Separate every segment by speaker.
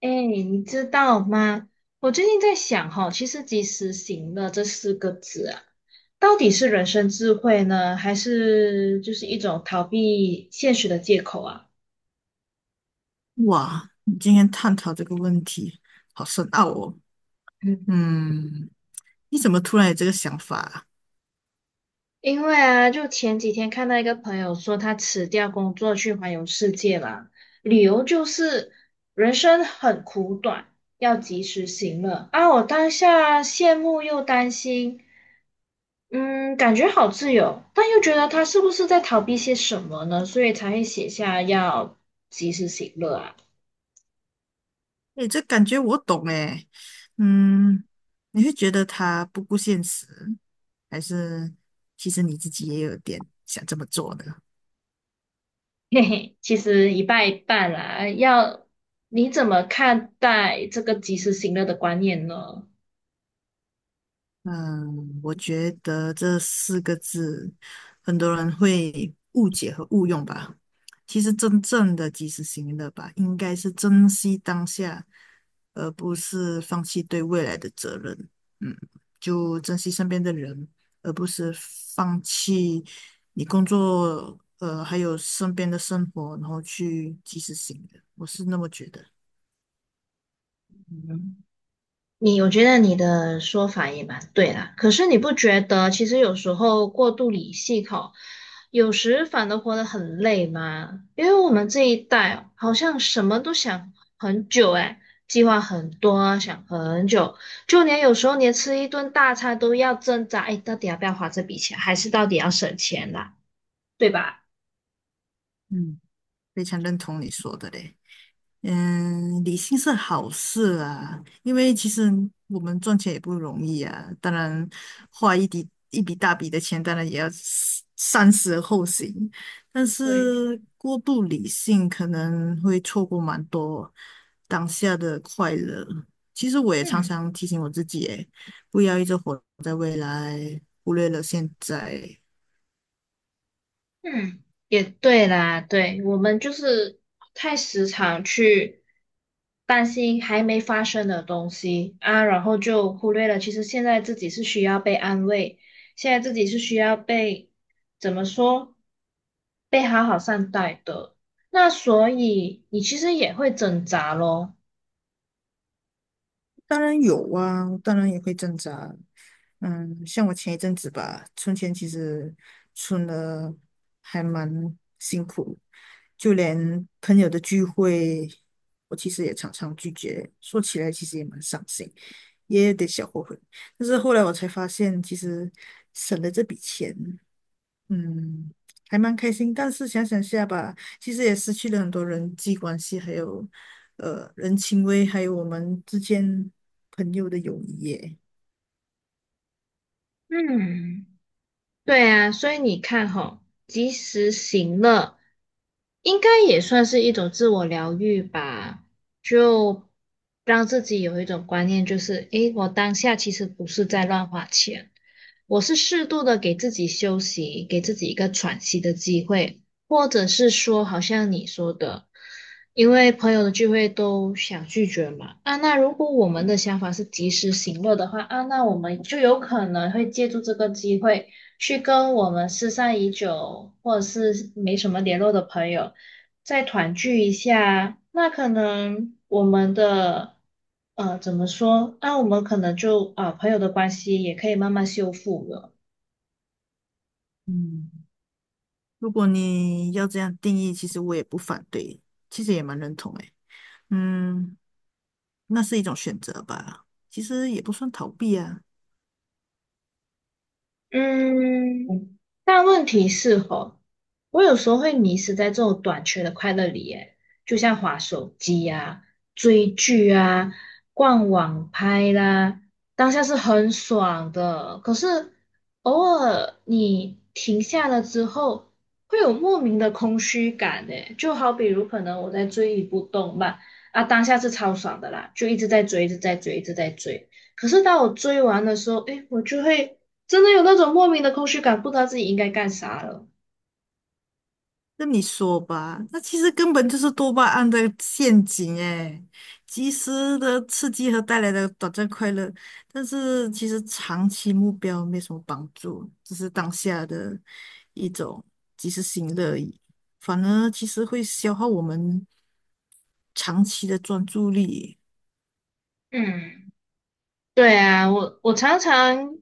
Speaker 1: 哎，你知道吗？我最近在想哈，其实"及时行乐"这四个字啊，到底是人生智慧呢，还是就是一种逃避现实的借口啊？
Speaker 2: 哇，你今天探讨这个问题，好深奥哦。
Speaker 1: 嗯，
Speaker 2: 嗯，你怎么突然有这个想法啊？
Speaker 1: 因为啊，就前几天看到一个朋友说，他辞掉工作去环游世界啦，理由就是人生很苦短，要及时行乐啊。我当下羡慕又担心。嗯，感觉好自由，但又觉得他是不是在逃避些什么呢？所以才会写下要及时行乐啊。
Speaker 2: 诶，这感觉我懂诶。嗯，你会觉得他不顾现实，还是其实你自己也有点想这么做的？
Speaker 1: 嘿嘿，其实一半一半啦。你怎么看待这个及时行乐的观念呢？
Speaker 2: 嗯，我觉得这四个字很多人会误解和误用吧。其实真正的及时行乐吧，应该是珍惜当下，而不是放弃对未来的责任。嗯，就珍惜身边的人，而不是放弃你工作，还有身边的生活，然后去及时行乐。我是那么觉得。
Speaker 1: 我觉得你的说法也蛮对啦，可是你不觉得其实有时候过度理性吼，有时反而活得很累吗？因为我们这一代哦好像什么都想很久诶，计划很多啊想很久，就连有时候连吃一顿大餐都要挣扎，哎，到底要不要花这笔钱，还是到底要省钱啦，对吧？
Speaker 2: 嗯，非常认同你说的嘞。嗯，理性是好事啊，因为其实我们赚钱也不容易啊。当然，花一笔一笔大笔的钱，当然也要思三思而后行。但
Speaker 1: 对，
Speaker 2: 是过度理性可能会错过蛮多当下的快乐。其实我也常
Speaker 1: 嗯。
Speaker 2: 常提醒我自己，诶，不要一直活在未来，忽略了现在。
Speaker 1: 嗯，也对啦，对，我们就是太时常去担心还没发生的东西啊，然后就忽略了，其实现在自己是需要被安慰，现在自己是需要被，怎么说，被好好善待的。那所以你其实也会挣扎咯。
Speaker 2: 当然有啊，当然也会挣扎。嗯，像我前一阵子吧，存钱其实存了还蛮辛苦，就连朋友的聚会，我其实也常常拒绝。说起来其实也蛮伤心，也有点小后悔。但是后来我才发现，其实省了这笔钱。嗯，还蛮开心，但是想想下吧，其实也失去了很多人际关系，还有人情味，还有我们之间朋友的友谊耶。
Speaker 1: 嗯对啊，所以你看吼，及时行乐应该也算是一种自我疗愈吧，就让自己有一种观念，就是诶，我当下其实不是在乱花钱，我是适度的给自己休息，给自己一个喘息的机会，或者是说，好像你说的，因为朋友的聚会都想拒绝嘛，啊，那如果我们的想法是及时行乐的话，啊，那我们就有可能会借助这个机会。去跟我们失散已久或者是没什么联络的朋友再团聚一下，那可能我们的怎么说？那、我们可能就啊、朋友的关系也可以慢慢修复了。
Speaker 2: 嗯，如果你要这样定义，其实我也不反对，其实也蛮认同诶。嗯，那是一种选择吧，其实也不算逃避啊。
Speaker 1: 嗯，但问题是吼，我有时候会迷失在这种短缺的快乐里耶，就像滑手机啊、追剧啊、逛网拍啦，当下是很爽的，可是偶尔你停下了之后，会有莫名的空虚感诶，就好比如可能我在追一部动漫啊，当下是超爽的啦，就一直在追，一直在追，一直在追。可是当我追完的时候，诶，我就会真的有那种莫名的空虚感，不知道自己应该干啥了。
Speaker 2: 那你说吧，那其实根本就是多巴胺的陷阱诶，及时的刺激和带来的短暂快乐，但是其实长期目标没什么帮助，只是当下的一种及时行乐而已，反而其实会消耗我们长期的专注力。
Speaker 1: 嗯，对啊，我常常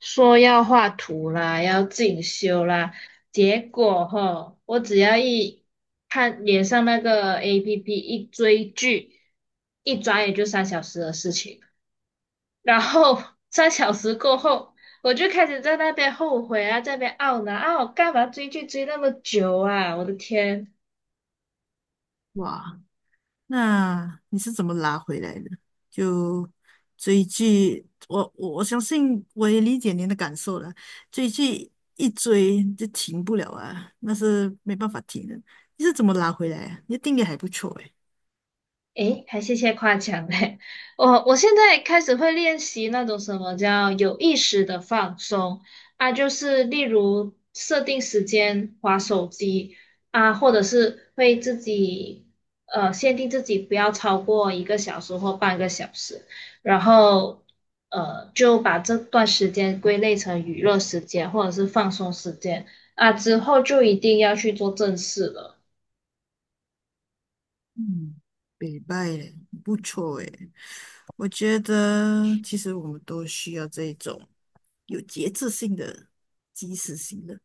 Speaker 1: 说要画图啦，要进修啦，结果吼，我只要一看脸上那个 APP 一追剧，一转眼就3小时的事情，然后 三小时过后，我就开始在那边后悔啊，在那边懊恼啊，我干嘛追剧追那么久啊？我的天！
Speaker 2: 哇，那你是怎么拉回来的？就追剧，我相信我也理解您的感受了。追剧一追就停不了啊，那是没办法停的。你是怎么拉回来啊？你的定力还不错诶。
Speaker 1: 诶，还谢谢夸奖嘞！我现在开始会练习那种什么叫有意识的放松啊，就是例如设定时间划手机啊，或者是会自己限定自己不要超过1个小时或0.5个小时，然后就把这段时间归类成娱乐时间或者是放松时间啊，之后就一定要去做正事了。
Speaker 2: 嗯，北拜耶不错诶。我觉得其实我们都需要这一种有节制性的、及时性的。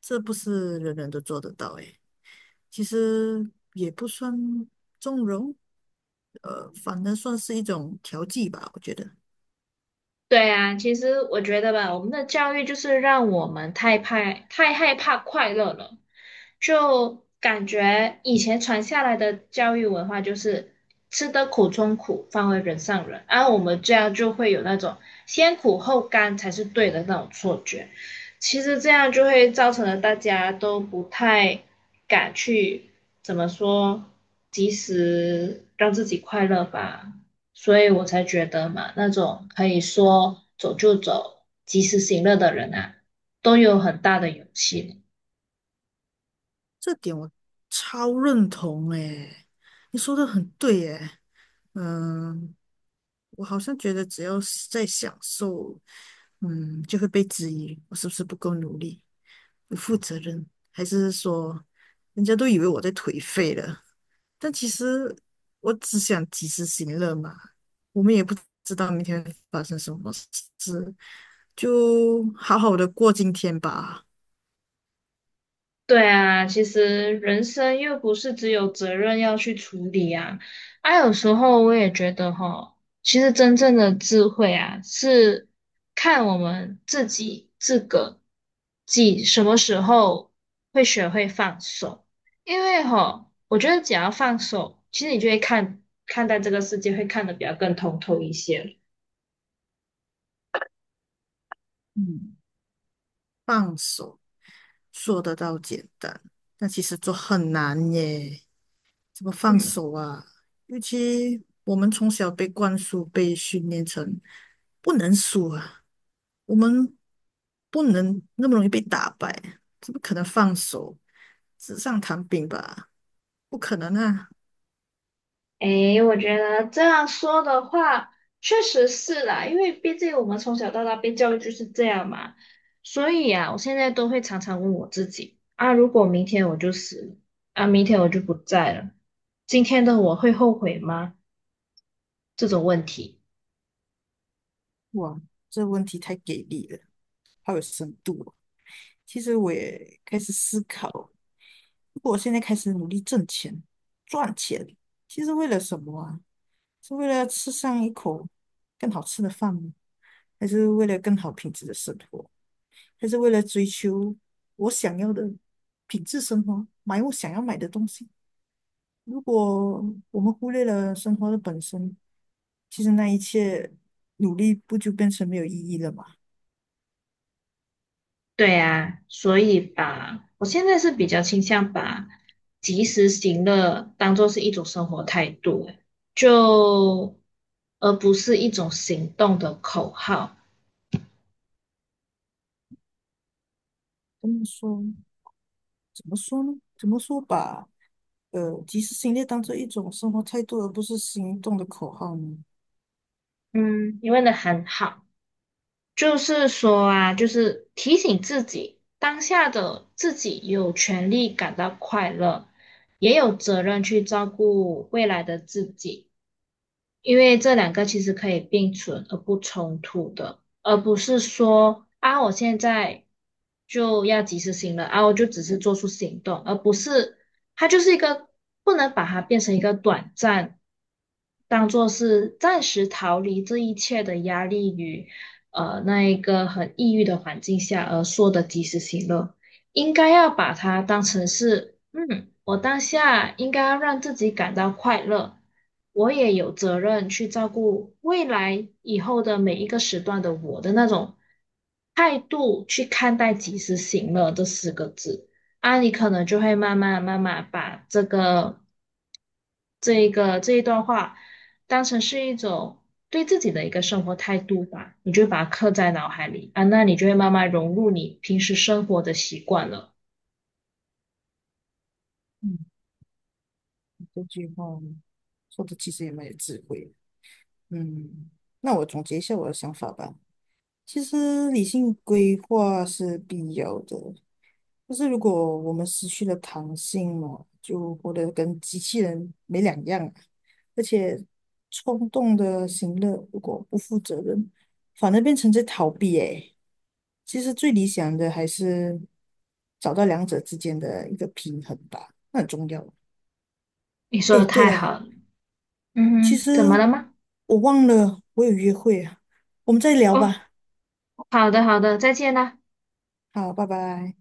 Speaker 2: 这不是人人都做得到诶。其实也不算纵容，反正算是一种调剂吧，我觉得
Speaker 1: 对啊，其实我觉得吧，我们的教育就是让我们太怕、太害怕快乐了，就感觉以前传下来的教育文化就是吃得苦中苦，方为人上人，而我们这样就会有那种先苦后甘才是对的那种错觉。其实这样就会造成了大家都不太敢去怎么说，及时让自己快乐吧。所以我才觉得嘛，那种可以说走就走、及时行乐的人啊，都有很大的勇气呢
Speaker 2: 这点我超认同诶，你说的很对诶，嗯，我好像觉得只要是在享受，嗯，就会被质疑我是不是不够努力、不负责任，还是说人家都以为我在颓废了。但其实我只想及时行乐嘛，我们也不知道明天会发生什么事，就好好的过今天吧。
Speaker 1: 对啊，其实人生又不是只有责任要去处理啊。啊，有时候我也觉得哈，其实真正的智慧啊，是看我们自己自个己什么时候会学会放手。因为哈，我觉得只要放手，其实你就会看待这个世界，会看得比较更通透一些。
Speaker 2: 嗯，放手说得到简单，但其实做很难耶。怎么放
Speaker 1: 嗯。
Speaker 2: 手啊？尤其我们从小被灌输、被训练成不能输啊，我们不能那么容易被打败，怎么可能放手？纸上谈兵吧。不可能啊！
Speaker 1: 诶，我觉得这样说的话，确实是啦，因为毕竟我们从小到大被教育就是这样嘛，所以啊，我现在都会常常问我自己，啊，如果明天我就死了，啊，明天我就不在了，今天的我会后悔吗？这种问题，
Speaker 2: 哇，这问题太给力了，好有深度哦。其实我也开始思考，如果我现在开始努力挣钱、赚钱，其实为了什么啊？是为了要吃上一口更好吃的饭吗？还是为了更好品质的生活？还是为了追求我想要的品质生活，买我想要买的东西？如果我们忽略了生活的本身，其实那一切努力不就变成没有意义了吗？
Speaker 1: 对啊，所以吧，我现在是比较倾向把及时行乐当做是一种生活态度，就而不是一种行动的口号。
Speaker 2: 怎么说？怎么说呢？怎么说把及时行乐当做一种生活态度，而不是行动的口号呢？
Speaker 1: 嗯，你问的很好，就是说啊，就是提醒自己，当下的自己有权利感到快乐，也有责任去照顾未来的自己。因为这两个其实可以并存而不冲突的，而不是说啊，我现在就要及时行乐啊，我就只是做出行动，而不是它就是一个不能把它变成一个短暂，当做是暂时逃离这一切的压力与那一个很抑郁的环境下而说的及时行乐。应该要把它当成是，嗯，我当下应该要让自己感到快乐，我也有责任去照顾未来以后的每一个时段的我的那种态度去看待及时行乐这四个字啊，你可能就会慢慢慢慢把这一段话当成是一种。对自己的一个生活态度吧，你就把它刻在脑海里啊，那你就会慢慢融入你平时生活的习惯了。
Speaker 2: 嗯，这句话说的其实也蛮有智慧。嗯，那我总结一下我的想法吧。其实理性规划是必要的，就是如果我们失去了弹性嘛，就活得跟机器人没两样啊。而且冲动的行乐，如果不负责任，反而变成在逃避。诶，其实最理想的还是找到两者之间的一个平衡吧，那很重要。
Speaker 1: 你说
Speaker 2: 诶，
Speaker 1: 的
Speaker 2: 对
Speaker 1: 太
Speaker 2: 了，
Speaker 1: 好了，嗯
Speaker 2: 其
Speaker 1: 哼，怎么
Speaker 2: 实
Speaker 1: 了吗？
Speaker 2: 我忘了我有约会啊，我们再聊
Speaker 1: 哦，
Speaker 2: 吧。
Speaker 1: 好的好的，再见啦。
Speaker 2: 好，拜拜。